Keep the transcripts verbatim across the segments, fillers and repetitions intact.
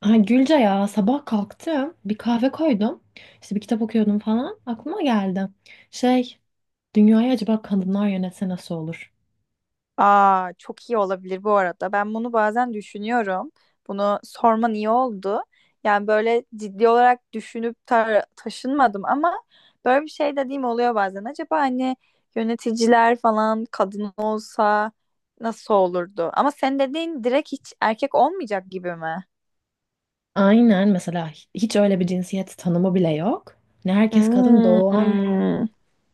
Ha, Gülce ya sabah kalktım bir kahve koydum işte bir kitap okuyordum falan aklıma geldi şey dünyayı acaba kadınlar yönetse nasıl olur? Aa, çok iyi olabilir bu arada. Ben bunu bazen düşünüyorum. Bunu sorman iyi oldu. Yani böyle ciddi olarak düşünüp ta- taşınmadım ama böyle bir şey dediğim oluyor bazen. Acaba hani yöneticiler falan kadın olsa nasıl olurdu? Ama sen dediğin direkt hiç erkek olmayacak gibi mi? Aynen mesela hiç öyle bir cinsiyet tanımı bile yok ne herkes kadın doğan Hmm.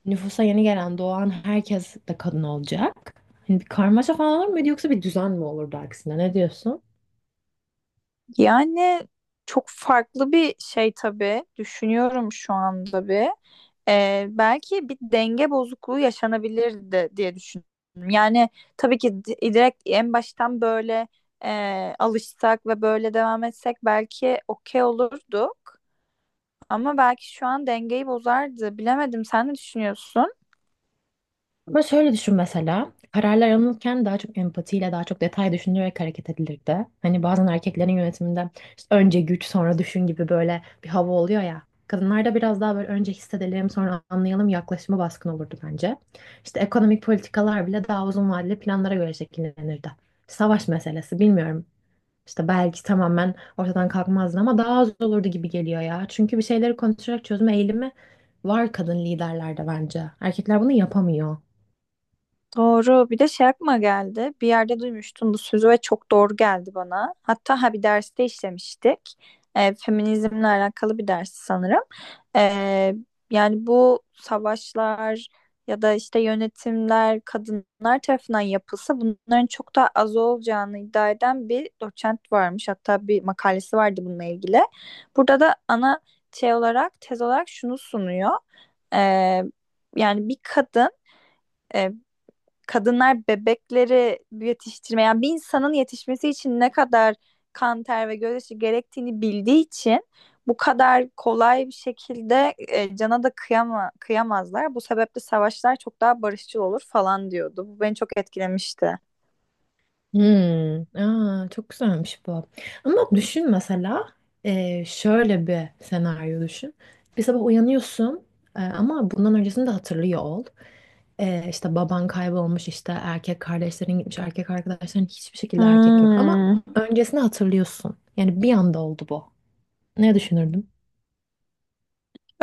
nüfusa yeni gelen doğan herkes de kadın olacak hani bir karmaşa falan olur muydu yoksa bir düzen mi olurdu aksine ne diyorsun? Yani çok farklı bir şey tabii. Düşünüyorum şu anda bir. Ee, belki bir denge bozukluğu yaşanabilirdi diye düşünüyorum. Yani tabii ki di- direkt en baştan böyle e, alışsak ve böyle devam etsek belki okey olurduk. Ama belki şu an dengeyi bozardı. Bilemedim. Sen ne düşünüyorsun? Ama şöyle düşün mesela. Kararlar alınırken daha çok empatiyle, daha çok detay düşünülerek hareket edilirdi. Hani bazen erkeklerin yönetiminde işte önce güç sonra düşün gibi böyle bir hava oluyor ya. Kadınlarda biraz daha böyle önce hissedelim sonra anlayalım yaklaşımı baskın olurdu bence. İşte ekonomik politikalar bile daha uzun vadeli planlara göre şekillenirdi. Savaş meselesi bilmiyorum. İşte belki tamamen ortadan kalkmazdı ama daha az olurdu gibi geliyor ya. Çünkü bir şeyleri konuşarak çözüm eğilimi var kadın liderlerde bence. Erkekler bunu yapamıyor. Doğru. Bir de şey aklıma geldi. Bir yerde duymuştum bu sözü ve çok doğru geldi bana. Hatta ha bir derste işlemiştik. Ee, feminizmle alakalı bir dersi sanırım. Ee, Yani bu savaşlar ya da işte yönetimler kadınlar tarafından yapılsa bunların çok daha az olacağını iddia eden bir doçent varmış. Hatta bir makalesi vardı bununla ilgili. Burada da ana şey olarak tez olarak şunu sunuyor. Ee, Yani bir kadın e, kadınlar bebekleri yetiştirmeyen yani bir insanın yetişmesi için ne kadar kan, ter ve gözyaşı gerektiğini bildiği için bu kadar kolay bir şekilde e, cana da kıyama, kıyamazlar. Bu sebeple savaşlar çok daha barışçıl olur falan diyordu. Bu beni çok etkilemişti. Hmm, aa, çok güzelmiş bu. Ama düşün mesela e, şöyle bir senaryo düşün. Bir sabah uyanıyorsun e, ama bundan öncesini de hatırlıyor ol. E, işte baban kaybolmuş işte erkek kardeşlerin gitmiş erkek arkadaşların hiçbir şekilde erkek yok. Ama Hmm. öncesini hatırlıyorsun. Yani bir anda oldu bu. Ne düşünürdün?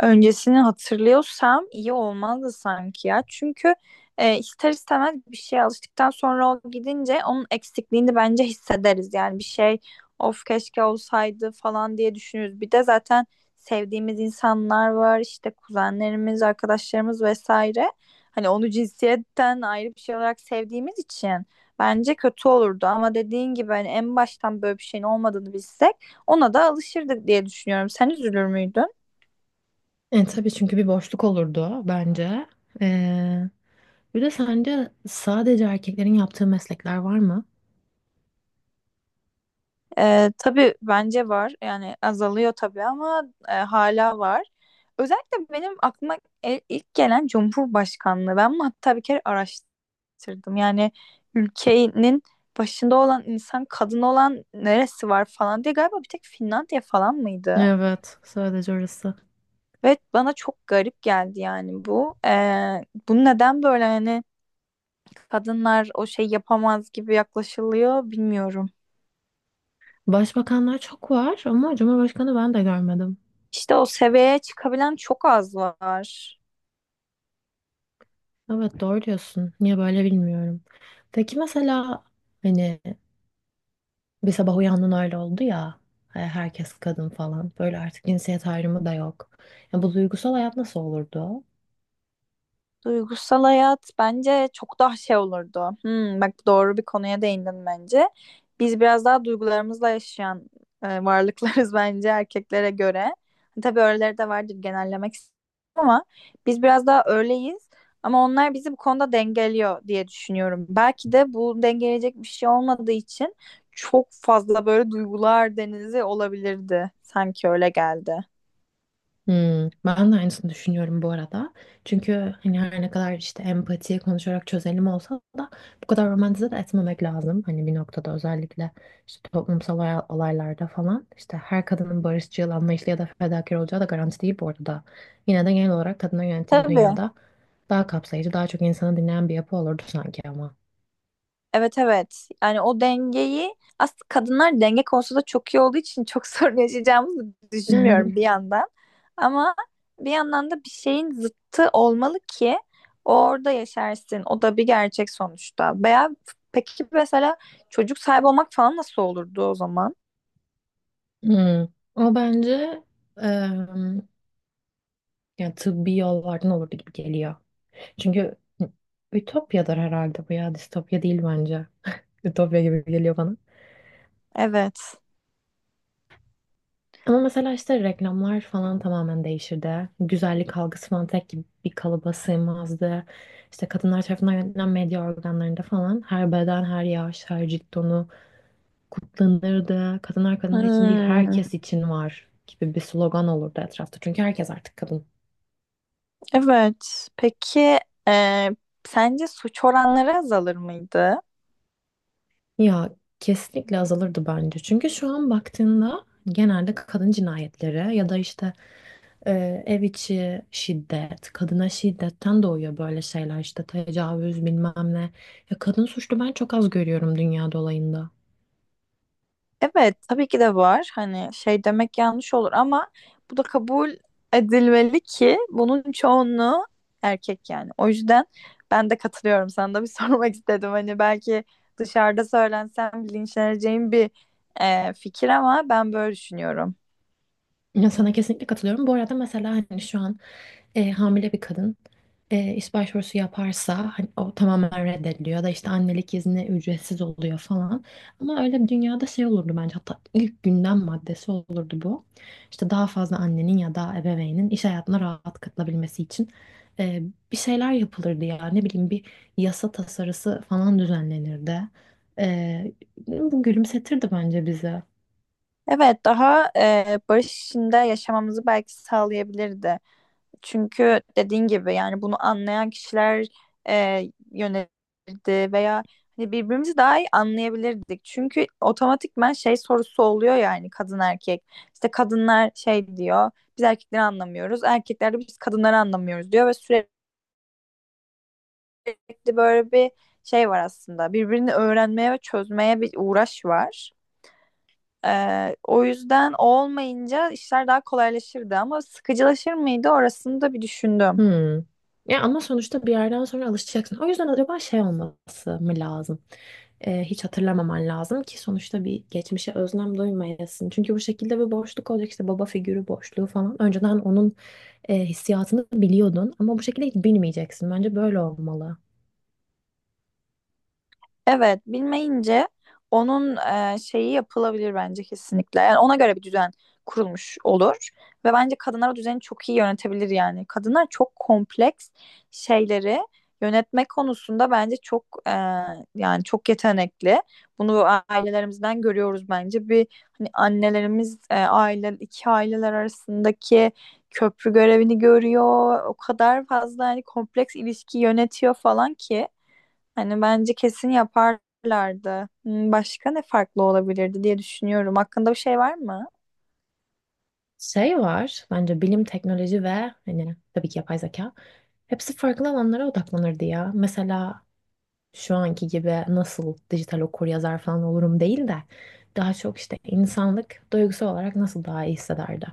Öncesini hatırlıyorsam iyi olmazdı sanki ya. Çünkü e, ister istemez bir şeye alıştıktan sonra o gidince onun eksikliğini bence hissederiz. Yani bir şey of keşke olsaydı falan diye düşünürüz. Bir de zaten sevdiğimiz insanlar var işte kuzenlerimiz, arkadaşlarımız vesaire. Hani onu cinsiyetten ayrı bir şey olarak sevdiğimiz için bence kötü olurdu. Ama dediğin gibi hani en baştan böyle bir şeyin olmadığını bilsek ona da alışırdık diye düşünüyorum. Sen üzülür müydün? E, tabii çünkü bir boşluk olurdu bence. E, Bir de sence sadece erkeklerin yaptığı meslekler var mı? Ee, tabii bence var. Yani azalıyor tabii ama e, hala var. Özellikle benim aklıma e- ilk gelen Cumhurbaşkanlığı. Ben bunu hatta bir kere araştırdım. Yani ülkenin başında olan insan kadın olan neresi var falan diye galiba bir tek Finlandiya falan mıydı? Evet, sadece orası. Ve bana çok garip geldi yani bu. Ee, bunu neden böyle hani kadınlar o şey yapamaz gibi yaklaşılıyor bilmiyorum. Başbakanlar çok var ama Cumhurbaşkanı ben de görmedim. İşte o seviyeye çıkabilen çok az var. Evet, doğru diyorsun. Niye böyle bilmiyorum. Peki mesela hani bir sabah uyandın öyle oldu ya, e, herkes kadın falan böyle artık cinsiyet ayrımı da yok. Ya bu duygusal hayat nasıl olurdu? Duygusal hayat bence çok daha şey olurdu. Hmm, bak doğru bir konuya değindin bence. Biz biraz daha duygularımızla yaşayan e, varlıklarız bence erkeklere göre. Tabii öyleleri de vardır genellemek istemem ama biz biraz daha öyleyiz. Ama onlar bizi bu konuda dengeliyor diye düşünüyorum. Belki de bu dengeleyecek bir şey olmadığı için çok fazla böyle duygular denizi olabilirdi. Sanki öyle geldi. Hmm, ben de aynısını düşünüyorum bu arada. Çünkü hani her ne kadar işte empatiye konuşarak çözelim olsa da bu kadar romantize de etmemek lazım. Hani bir noktada özellikle işte toplumsal olay- olaylarda falan işte her kadının barışçıl, anlayışlı ya da fedakar olacağı da garanti değil bu arada. Yine de genel olarak kadına yönetim bir Tabii. dünyada daha kapsayıcı, daha çok insanı dinleyen bir yapı olurdu sanki ama. Evet, evet. Yani o dengeyi aslında kadınlar denge konusunda çok iyi olduğu için çok sorun yaşayacağımızı düşünmüyorum bir yandan. Ama bir yandan da bir şeyin zıttı olmalı ki orada yaşarsın. O da bir gerçek sonuçta. Veya peki mesela çocuk sahibi olmak falan nasıl olurdu o zaman? Hmm. O bence em, yani tıbbi yollardan olurdu gibi geliyor. Çünkü ütopyadır herhalde bu ya. Distopya değil bence. Ütopya gibi geliyor bana. Evet. Ama mesela işte reklamlar falan tamamen değişirdi. Güzellik algısı falan tek gibi bir kalıba sığmazdı. İşte kadınlar tarafından yönetilen medya organlarında falan her beden, her yaş, her cilt tonu kutlanırdı. Kadınlar kadınlar için değil Hmm, herkes için var gibi bir slogan olurdu etrafta. Çünkü herkes artık kadın. evet. Peki e, sence suç oranları azalır mıydı? Ya kesinlikle azalırdı bence. Çünkü şu an baktığında genelde kadın cinayetleri ya da işte Ee, ev içi şiddet, kadına şiddetten doğuyor böyle şeyler işte tecavüz bilmem ne. Ya kadın suçlu ben çok az görüyorum dünya dolayında. Evet, tabii ki de var. Hani şey demek yanlış olur ama bu da kabul edilmeli ki bunun çoğunluğu erkek yani. O yüzden ben de katılıyorum. Sana da bir sormak istedim. Hani belki dışarıda söylensem linçleneceğim bir e, fikir ama ben böyle düşünüyorum. Ya sana kesinlikle katılıyorum. Bu arada mesela hani şu an e, hamile bir kadın e, iş başvurusu yaparsa hani o tamamen reddediliyor da işte annelik izni ücretsiz oluyor falan. Ama öyle bir dünyada şey olurdu bence, hatta ilk gündem maddesi olurdu bu. İşte daha fazla annenin ya da ebeveynin iş hayatına rahat katılabilmesi için e, bir şeyler yapılırdı ya ne bileyim bir yasa tasarısı falan düzenlenirdi. E, Bu gülümsetirdi bence bizi. Evet, daha e, barış içinde yaşamamızı belki sağlayabilirdi. Çünkü dediğin gibi yani bunu anlayan kişiler e, yönelirdi veya hani birbirimizi daha iyi anlayabilirdik. Çünkü otomatikman şey sorusu oluyor yani kadın erkek. İşte kadınlar şey diyor biz erkekleri anlamıyoruz. Erkekler de biz kadınları anlamıyoruz diyor ve sürekli böyle bir şey var aslında. Birbirini öğrenmeye ve çözmeye bir uğraş var. Ee, o yüzden o olmayınca işler daha kolaylaşırdı ama sıkıcılaşır mıydı orasını da bir düşündüm. Hmm. Ya ama sonuçta bir yerden sonra alışacaksın. O yüzden acaba şey olması mı lazım? Ee, hiç hatırlamaman lazım ki sonuçta bir geçmişe özlem duymayasın. Çünkü bu şekilde bir boşluk olacak işte baba figürü boşluğu falan. Önceden onun e, hissiyatını biliyordun ama bu şekilde hiç bilmeyeceksin. Bence böyle olmalı. Evet, bilmeyince onun e, şeyi yapılabilir bence kesinlikle. Yani ona göre bir düzen kurulmuş olur ve bence kadınlar o düzeni çok iyi yönetebilir yani. Kadınlar çok kompleks şeyleri yönetme konusunda bence çok e, yani çok yetenekli. Bunu ailelerimizden görüyoruz bence. Bir hani annelerimiz e, aile iki aileler arasındaki köprü görevini görüyor. O kadar fazla hani kompleks ilişki yönetiyor falan ki hani bence kesin yaparlardı. Hmm, başka ne farklı olabilirdi diye düşünüyorum. Hakkında bir şey var mı? Şey var bence bilim, teknoloji ve hani tabii ki yapay zeka. Hepsi farklı alanlara odaklanırdı ya. Mesela şu anki gibi nasıl dijital okuryazar falan olurum değil de daha çok işte insanlık duygusal olarak nasıl daha iyi hissederdi.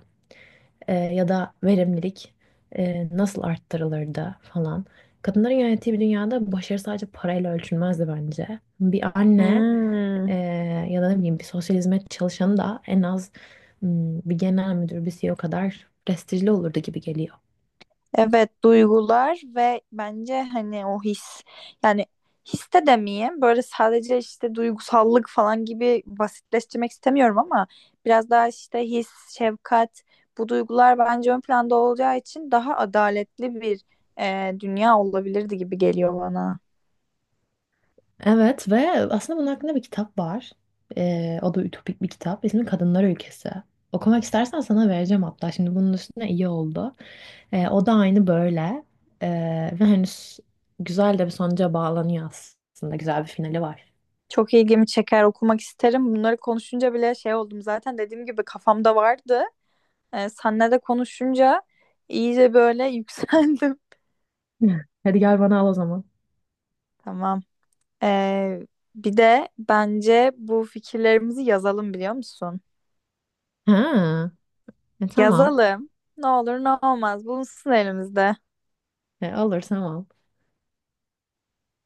Ee, ya da verimlilik e, nasıl arttırılırdı falan. Kadınların yönettiği bir dünyada başarı sadece parayla ölçülmezdi bence. Bir anne Hmm, ee, ya da ne bileyim bir sosyal hizmet çalışanı da en az, hmm, bir genel müdür, bir C E O kadar prestijli olurdu gibi geliyor. evet, duygular ve bence hani o his, yani his de demeyeyim böyle sadece işte duygusallık falan gibi basitleştirmek istemiyorum ama biraz daha işte his, şefkat, bu duygular bence ön planda olacağı için daha adaletli bir e, dünya olabilirdi gibi geliyor bana. Evet ve aslında bunun hakkında bir kitap var. Ee, o da ütopik bir kitap. İsmi Kadınlar Ülkesi. Okumak istersen sana vereceğim hatta. Şimdi bunun üstüne iyi oldu. E, o da aynı böyle. E, Ve hani s- güzel de bir sonuca bağlanıyor aslında. Güzel bir finali var. Çok ilgimi çeker, okumak isterim. Bunları konuşunca bile şey oldum zaten dediğim gibi kafamda vardı. Ee, senle de konuşunca iyice böyle yükseldim. Hadi gel bana al o zaman. Tamam. Ee, Bir de bence bu fikirlerimizi yazalım biliyor musun? Ha, e, tamam. Yazalım. Ne olur ne olmaz bulunsun elimizde. E, olur tamam.